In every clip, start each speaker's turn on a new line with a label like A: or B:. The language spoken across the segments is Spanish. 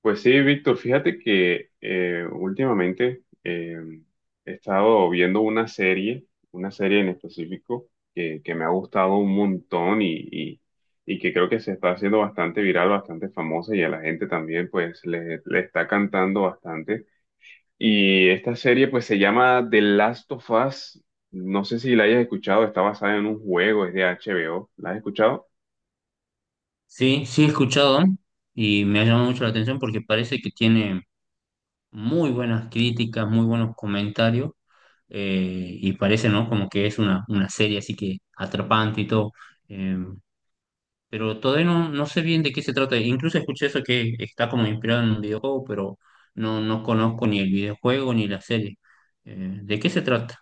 A: Pues sí, Víctor, fíjate que últimamente he estado viendo una serie en específico que me ha gustado un montón y que creo que se está haciendo bastante viral, bastante famosa y a la gente también pues le está cantando bastante. Y esta serie pues se llama The Last of Us, no sé si la hayas escuchado, está basada en un juego, es de HBO, ¿la has escuchado?
B: Sí, sí he escuchado y me ha llamado mucho la atención porque parece que tiene muy buenas críticas, muy buenos comentarios, y parece, ¿no? Como que es una serie así que atrapante y todo. eh, pero todavía no, no sé bien de qué se trata. Incluso escuché eso que está como inspirado en un videojuego, pero no, no conozco ni el videojuego ni la serie. ¿De qué se trata?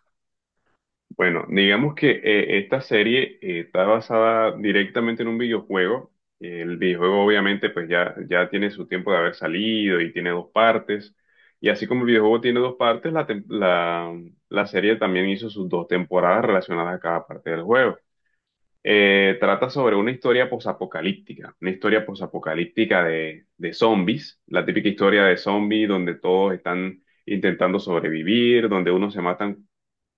A: Bueno, digamos que esta serie está basada directamente en un videojuego. El videojuego obviamente pues ya tiene su tiempo de haber salido y tiene dos partes. Y así como el videojuego tiene dos partes, la serie también hizo sus dos temporadas relacionadas a cada parte del juego. Trata sobre una historia posapocalíptica de zombies, la típica historia de zombies donde todos están intentando sobrevivir, donde unos se matan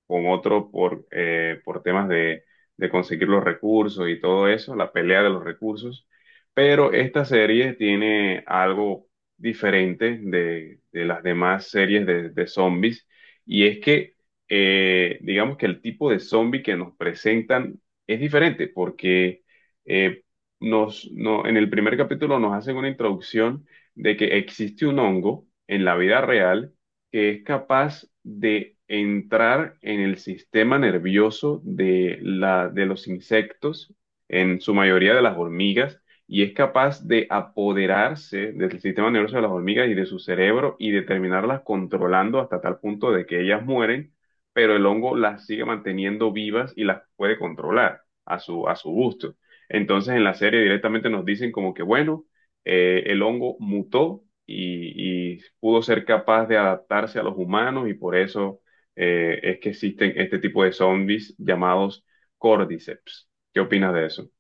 A: con otro por temas de conseguir los recursos y todo eso, la pelea de los recursos. Pero esta serie tiene algo diferente de las demás series de zombies y es que digamos que el tipo de zombie que nos presentan es diferente porque eh, nos, no, en el primer capítulo nos hacen una introducción de que existe un hongo en la vida real que es capaz de entrar en el sistema nervioso de de los insectos, en su mayoría de las hormigas, y es capaz de apoderarse del sistema nervioso de las hormigas y de su cerebro y de terminarlas controlando hasta tal punto de que ellas mueren, pero el hongo las sigue manteniendo vivas y las puede controlar a a su gusto. Entonces en la serie directamente nos dicen como que, bueno, el hongo mutó y pudo ser capaz de adaptarse a los humanos y por eso es que existen este tipo de zombies llamados cordyceps. ¿Qué opinas de eso?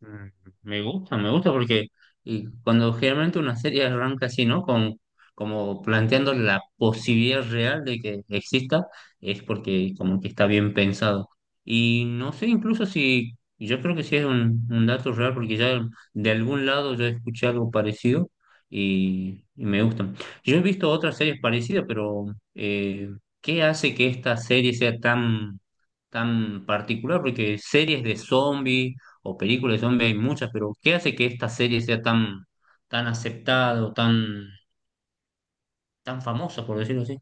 B: Mm. Me gusta porque y cuando generalmente una serie arranca así, ¿no? Como planteando la posibilidad real de que exista, es porque como que está bien pensado. Y no sé incluso si, yo creo que sí es un dato real porque ya de algún lado yo escuché algo parecido y me gustan. Yo he visto otras series parecidas, pero eh, ¿qué hace que esta serie sea tan particular? Porque series de zombies o películas de zombies hay muchas, pero ¿qué hace que esta serie sea tan aceptada o tan famosa, por decirlo así?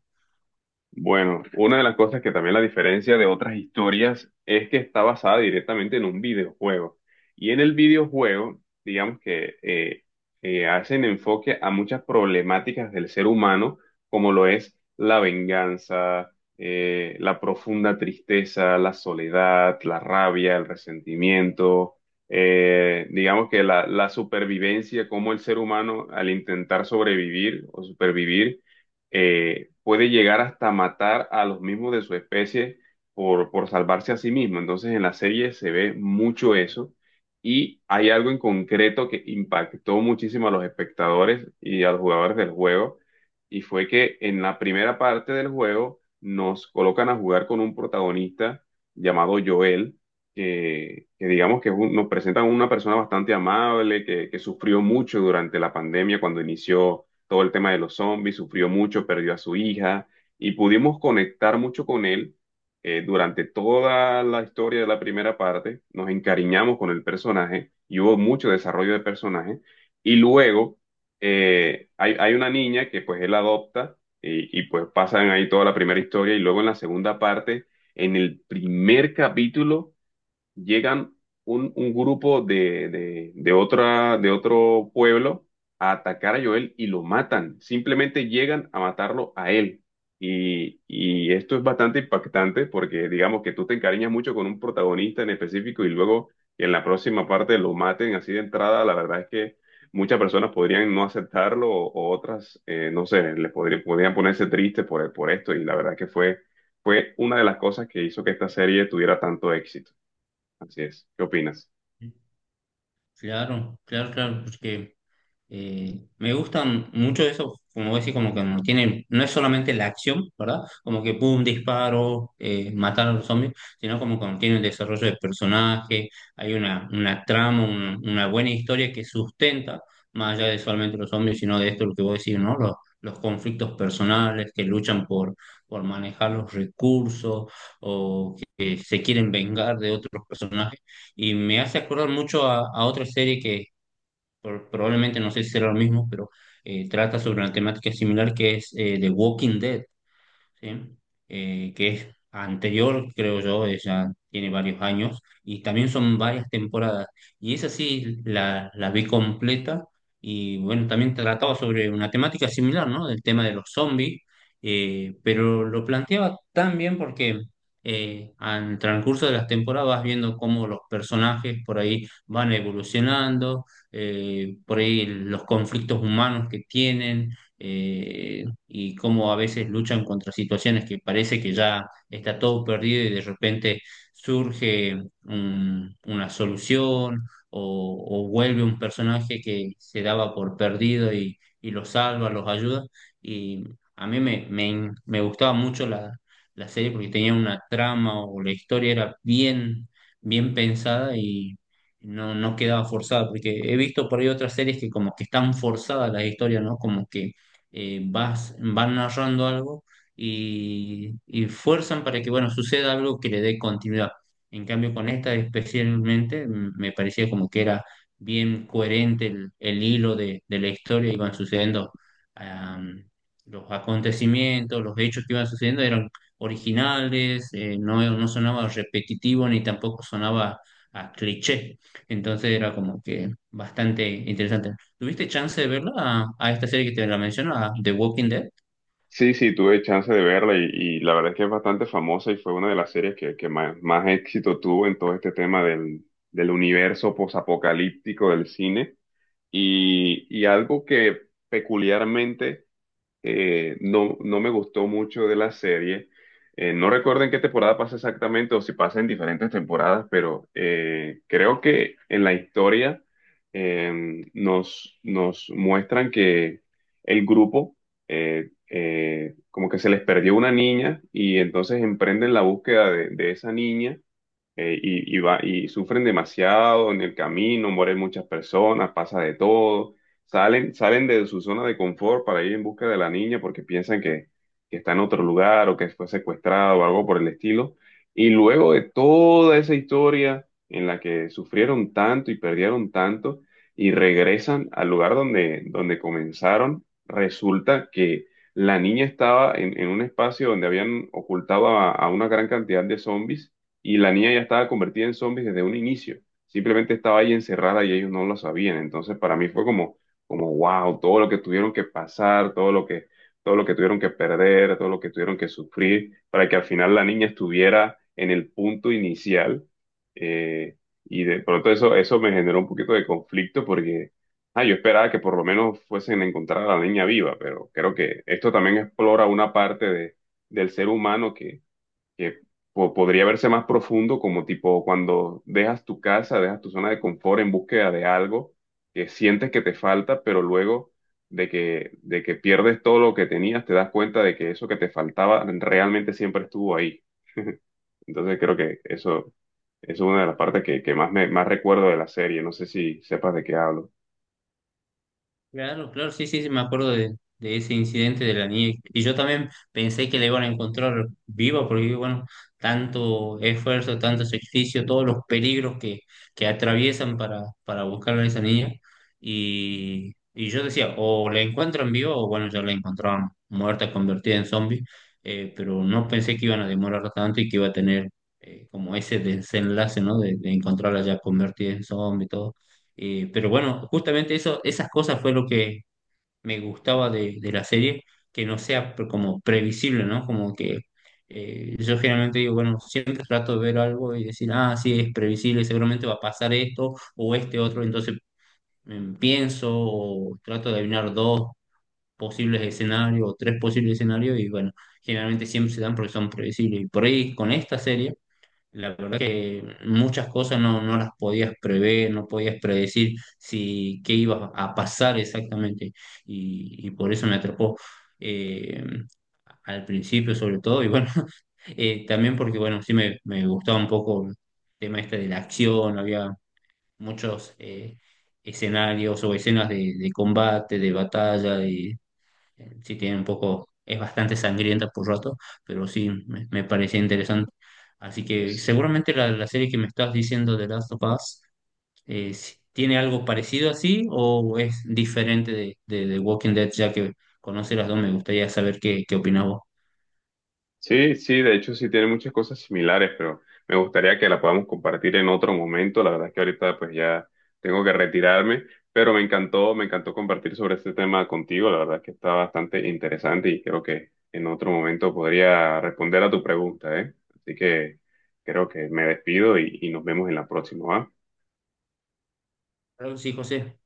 A: Bueno, una de las cosas que también la diferencia de otras historias es que está basada directamente en un videojuego. Y en el videojuego, digamos que hacen enfoque a muchas problemáticas del ser humano, como lo es la venganza, la profunda tristeza, la soledad, la rabia, el resentimiento, digamos que la supervivencia, como el ser humano al intentar sobrevivir o supervivir puede llegar hasta matar a los mismos de su especie por salvarse a sí mismo. Entonces en la serie se ve mucho eso y hay algo en concreto que impactó muchísimo a los espectadores y a los jugadores del juego y fue que en la primera parte del juego nos colocan a jugar con un protagonista llamado Joel. Que digamos que nos presentan una persona bastante amable, que sufrió mucho durante la pandemia cuando inició todo el tema de los zombies, sufrió mucho, perdió a su hija y pudimos conectar mucho con él durante toda la historia de la primera parte, nos encariñamos con el personaje y hubo mucho desarrollo de personaje y luego hay una niña que pues él adopta y pues pasan ahí toda la primera historia y luego en la segunda parte, en el primer capítulo llegan un grupo de otra, de otro pueblo a atacar a Joel y lo matan. Simplemente llegan a matarlo a él. Y esto es bastante impactante porque digamos que tú te encariñas mucho con un protagonista en específico y luego que en la próxima parte lo maten así de entrada, la verdad es que muchas personas podrían no aceptarlo o otras, no sé, les podrían, podrían ponerse tristes por esto y la verdad que fue, fue una de las cosas que hizo que esta serie tuviera tanto éxito. Así es. ¿Qué opinas?
B: Claro, claro, claro, porque me gustan mucho eso, como vos decís. Como que no tienen, no es solamente la acción, ¿verdad? Como que pum, disparo, matar a los zombies, sino como que tiene un desarrollo de personaje, hay una trama, una buena historia que sustenta, más allá de solamente los zombies, sino de esto lo que vos decís, ¿no? Los conflictos personales que luchan por manejar los recursos o que se quieren vengar de otros personajes. Y me hace acordar mucho a otra serie, probablemente no sé si será lo mismo, pero trata sobre una temática similar que es The Walking Dead. ¿Sí? Que es anterior, creo yo, ella tiene varios años, y también son varias temporadas. Y esa sí la vi completa, y bueno, también trataba sobre una temática similar, ¿no? Del tema de los zombies. Pero lo planteaba tan bien porque al transcurso de las temporadas vas viendo cómo los personajes por ahí van evolucionando, por ahí los conflictos humanos que tienen. Y cómo a veces luchan contra situaciones que parece que ya está todo perdido y de repente surge una solución o vuelve un personaje que se daba por perdido y los salva, los ayuda. Y a mí me gustaba mucho la serie porque tenía una trama o la historia era bien pensada y no, no quedaba forzada, porque he visto por ahí otras series que como que están forzadas las historias, ¿no? Como que van narrando algo y fuerzan para que, bueno, suceda algo que le dé continuidad. En cambio, con esta especialmente, me parecía como que era bien coherente el hilo de la historia. Iban sucediendo, am, los acontecimientos, los hechos que iban sucediendo eran originales. No, no sonaba repetitivo ni tampoco sonaba a cliché. Entonces era como que bastante interesante. ¿Tuviste chance de verla a esta serie que te la menciono, a The Walking Dead?
A: Sí, sí, tuve chance de verla y la verdad es que es bastante famosa y fue una de las series que más, más éxito tuvo en todo este tema del universo posapocalíptico del cine. Y algo que peculiarmente no me gustó mucho de la serie. No recuerdo en qué temporada pasa exactamente o si pasa en diferentes temporadas, pero creo que en la historia nos muestran que el grupo, como que se les perdió una niña y entonces emprenden la búsqueda de esa niña y y sufren demasiado en el camino, mueren muchas personas, pasa de todo, salen de su zona de confort para ir en busca de la niña porque piensan que está en otro lugar o que fue secuestrado o algo por el estilo. Y luego de toda esa historia en la que sufrieron tanto y perdieron tanto y regresan al lugar donde, donde comenzaron, resulta que... La niña estaba en un espacio donde habían ocultado a una gran cantidad de zombies y la niña ya estaba convertida en zombie desde un inicio. Simplemente estaba ahí encerrada y ellos no lo sabían. Entonces para mí fue como, como wow, todo lo que tuvieron que pasar, todo lo que tuvieron que perder, todo lo que tuvieron que sufrir para que al final la niña estuviera en el punto inicial. Eh, y de pronto eso, eso me generó un poquito de conflicto porque ah, yo esperaba que por lo menos fuesen a encontrar a la niña viva, pero creo que esto también explora una parte del ser humano que podría verse más profundo, como tipo cuando dejas tu casa, dejas tu zona de confort en búsqueda de algo que sientes que te falta, pero luego de que pierdes todo lo que tenías, te das cuenta de que eso que te faltaba realmente siempre estuvo ahí. Entonces creo que eso es una de las partes que más me, más recuerdo de la serie. No sé si sepas de qué hablo.
B: Claro, claro, sí, sí, sí, me acuerdo de ese incidente de la niña. Y yo también pensé que la iban a encontrar viva, porque bueno, tanto esfuerzo, tanto sacrificio, todos los peligros que atraviesan para buscar a esa niña. Y yo decía, o la encuentran viva, o bueno, ya la encontraban muerta, convertida en zombie. Pero no pensé que iban a demorar tanto y que iba a tener como ese desenlace, ¿no? De encontrarla ya convertida en zombie y todo. Pero bueno, justamente eso, esas cosas fue lo que me gustaba de la serie, que no sea como previsible, ¿no? Como que yo generalmente digo, bueno, siempre trato de ver algo y decir, ah, sí, es previsible, seguramente va a pasar esto o este otro. Entonces pienso o trato de adivinar dos posibles escenarios o tres posibles escenarios y bueno, generalmente siempre se dan porque son previsibles. Y por ahí con esta serie la verdad que muchas cosas no, no las podías prever, no podías predecir si qué iba a pasar exactamente. Y por eso me atrapó, eh, al principio sobre todo. Y bueno, también porque bueno, sí me gustaba un poco el tema este de la acción, había muchos escenarios o escenas de combate, de batalla. De Sí tiene un poco, es bastante sangrienta por rato, pero sí, me parecía interesante. Así que seguramente la serie que me estás diciendo de Last of Us, tiene algo parecido así o es diferente de Walking Dead, ya que conoce las dos, me gustaría saber qué opinas vos.
A: Sí, sí, de hecho sí tiene muchas cosas similares, pero me gustaría que la podamos compartir en otro momento. La verdad es que ahorita pues ya tengo que retirarme, pero me encantó compartir sobre este tema contigo. La verdad es que está bastante interesante y creo que en otro momento podría responder a tu pregunta, ¿eh? Así que creo que me despido y nos vemos en la próxima, ¿va?
B: Claro que sí, José,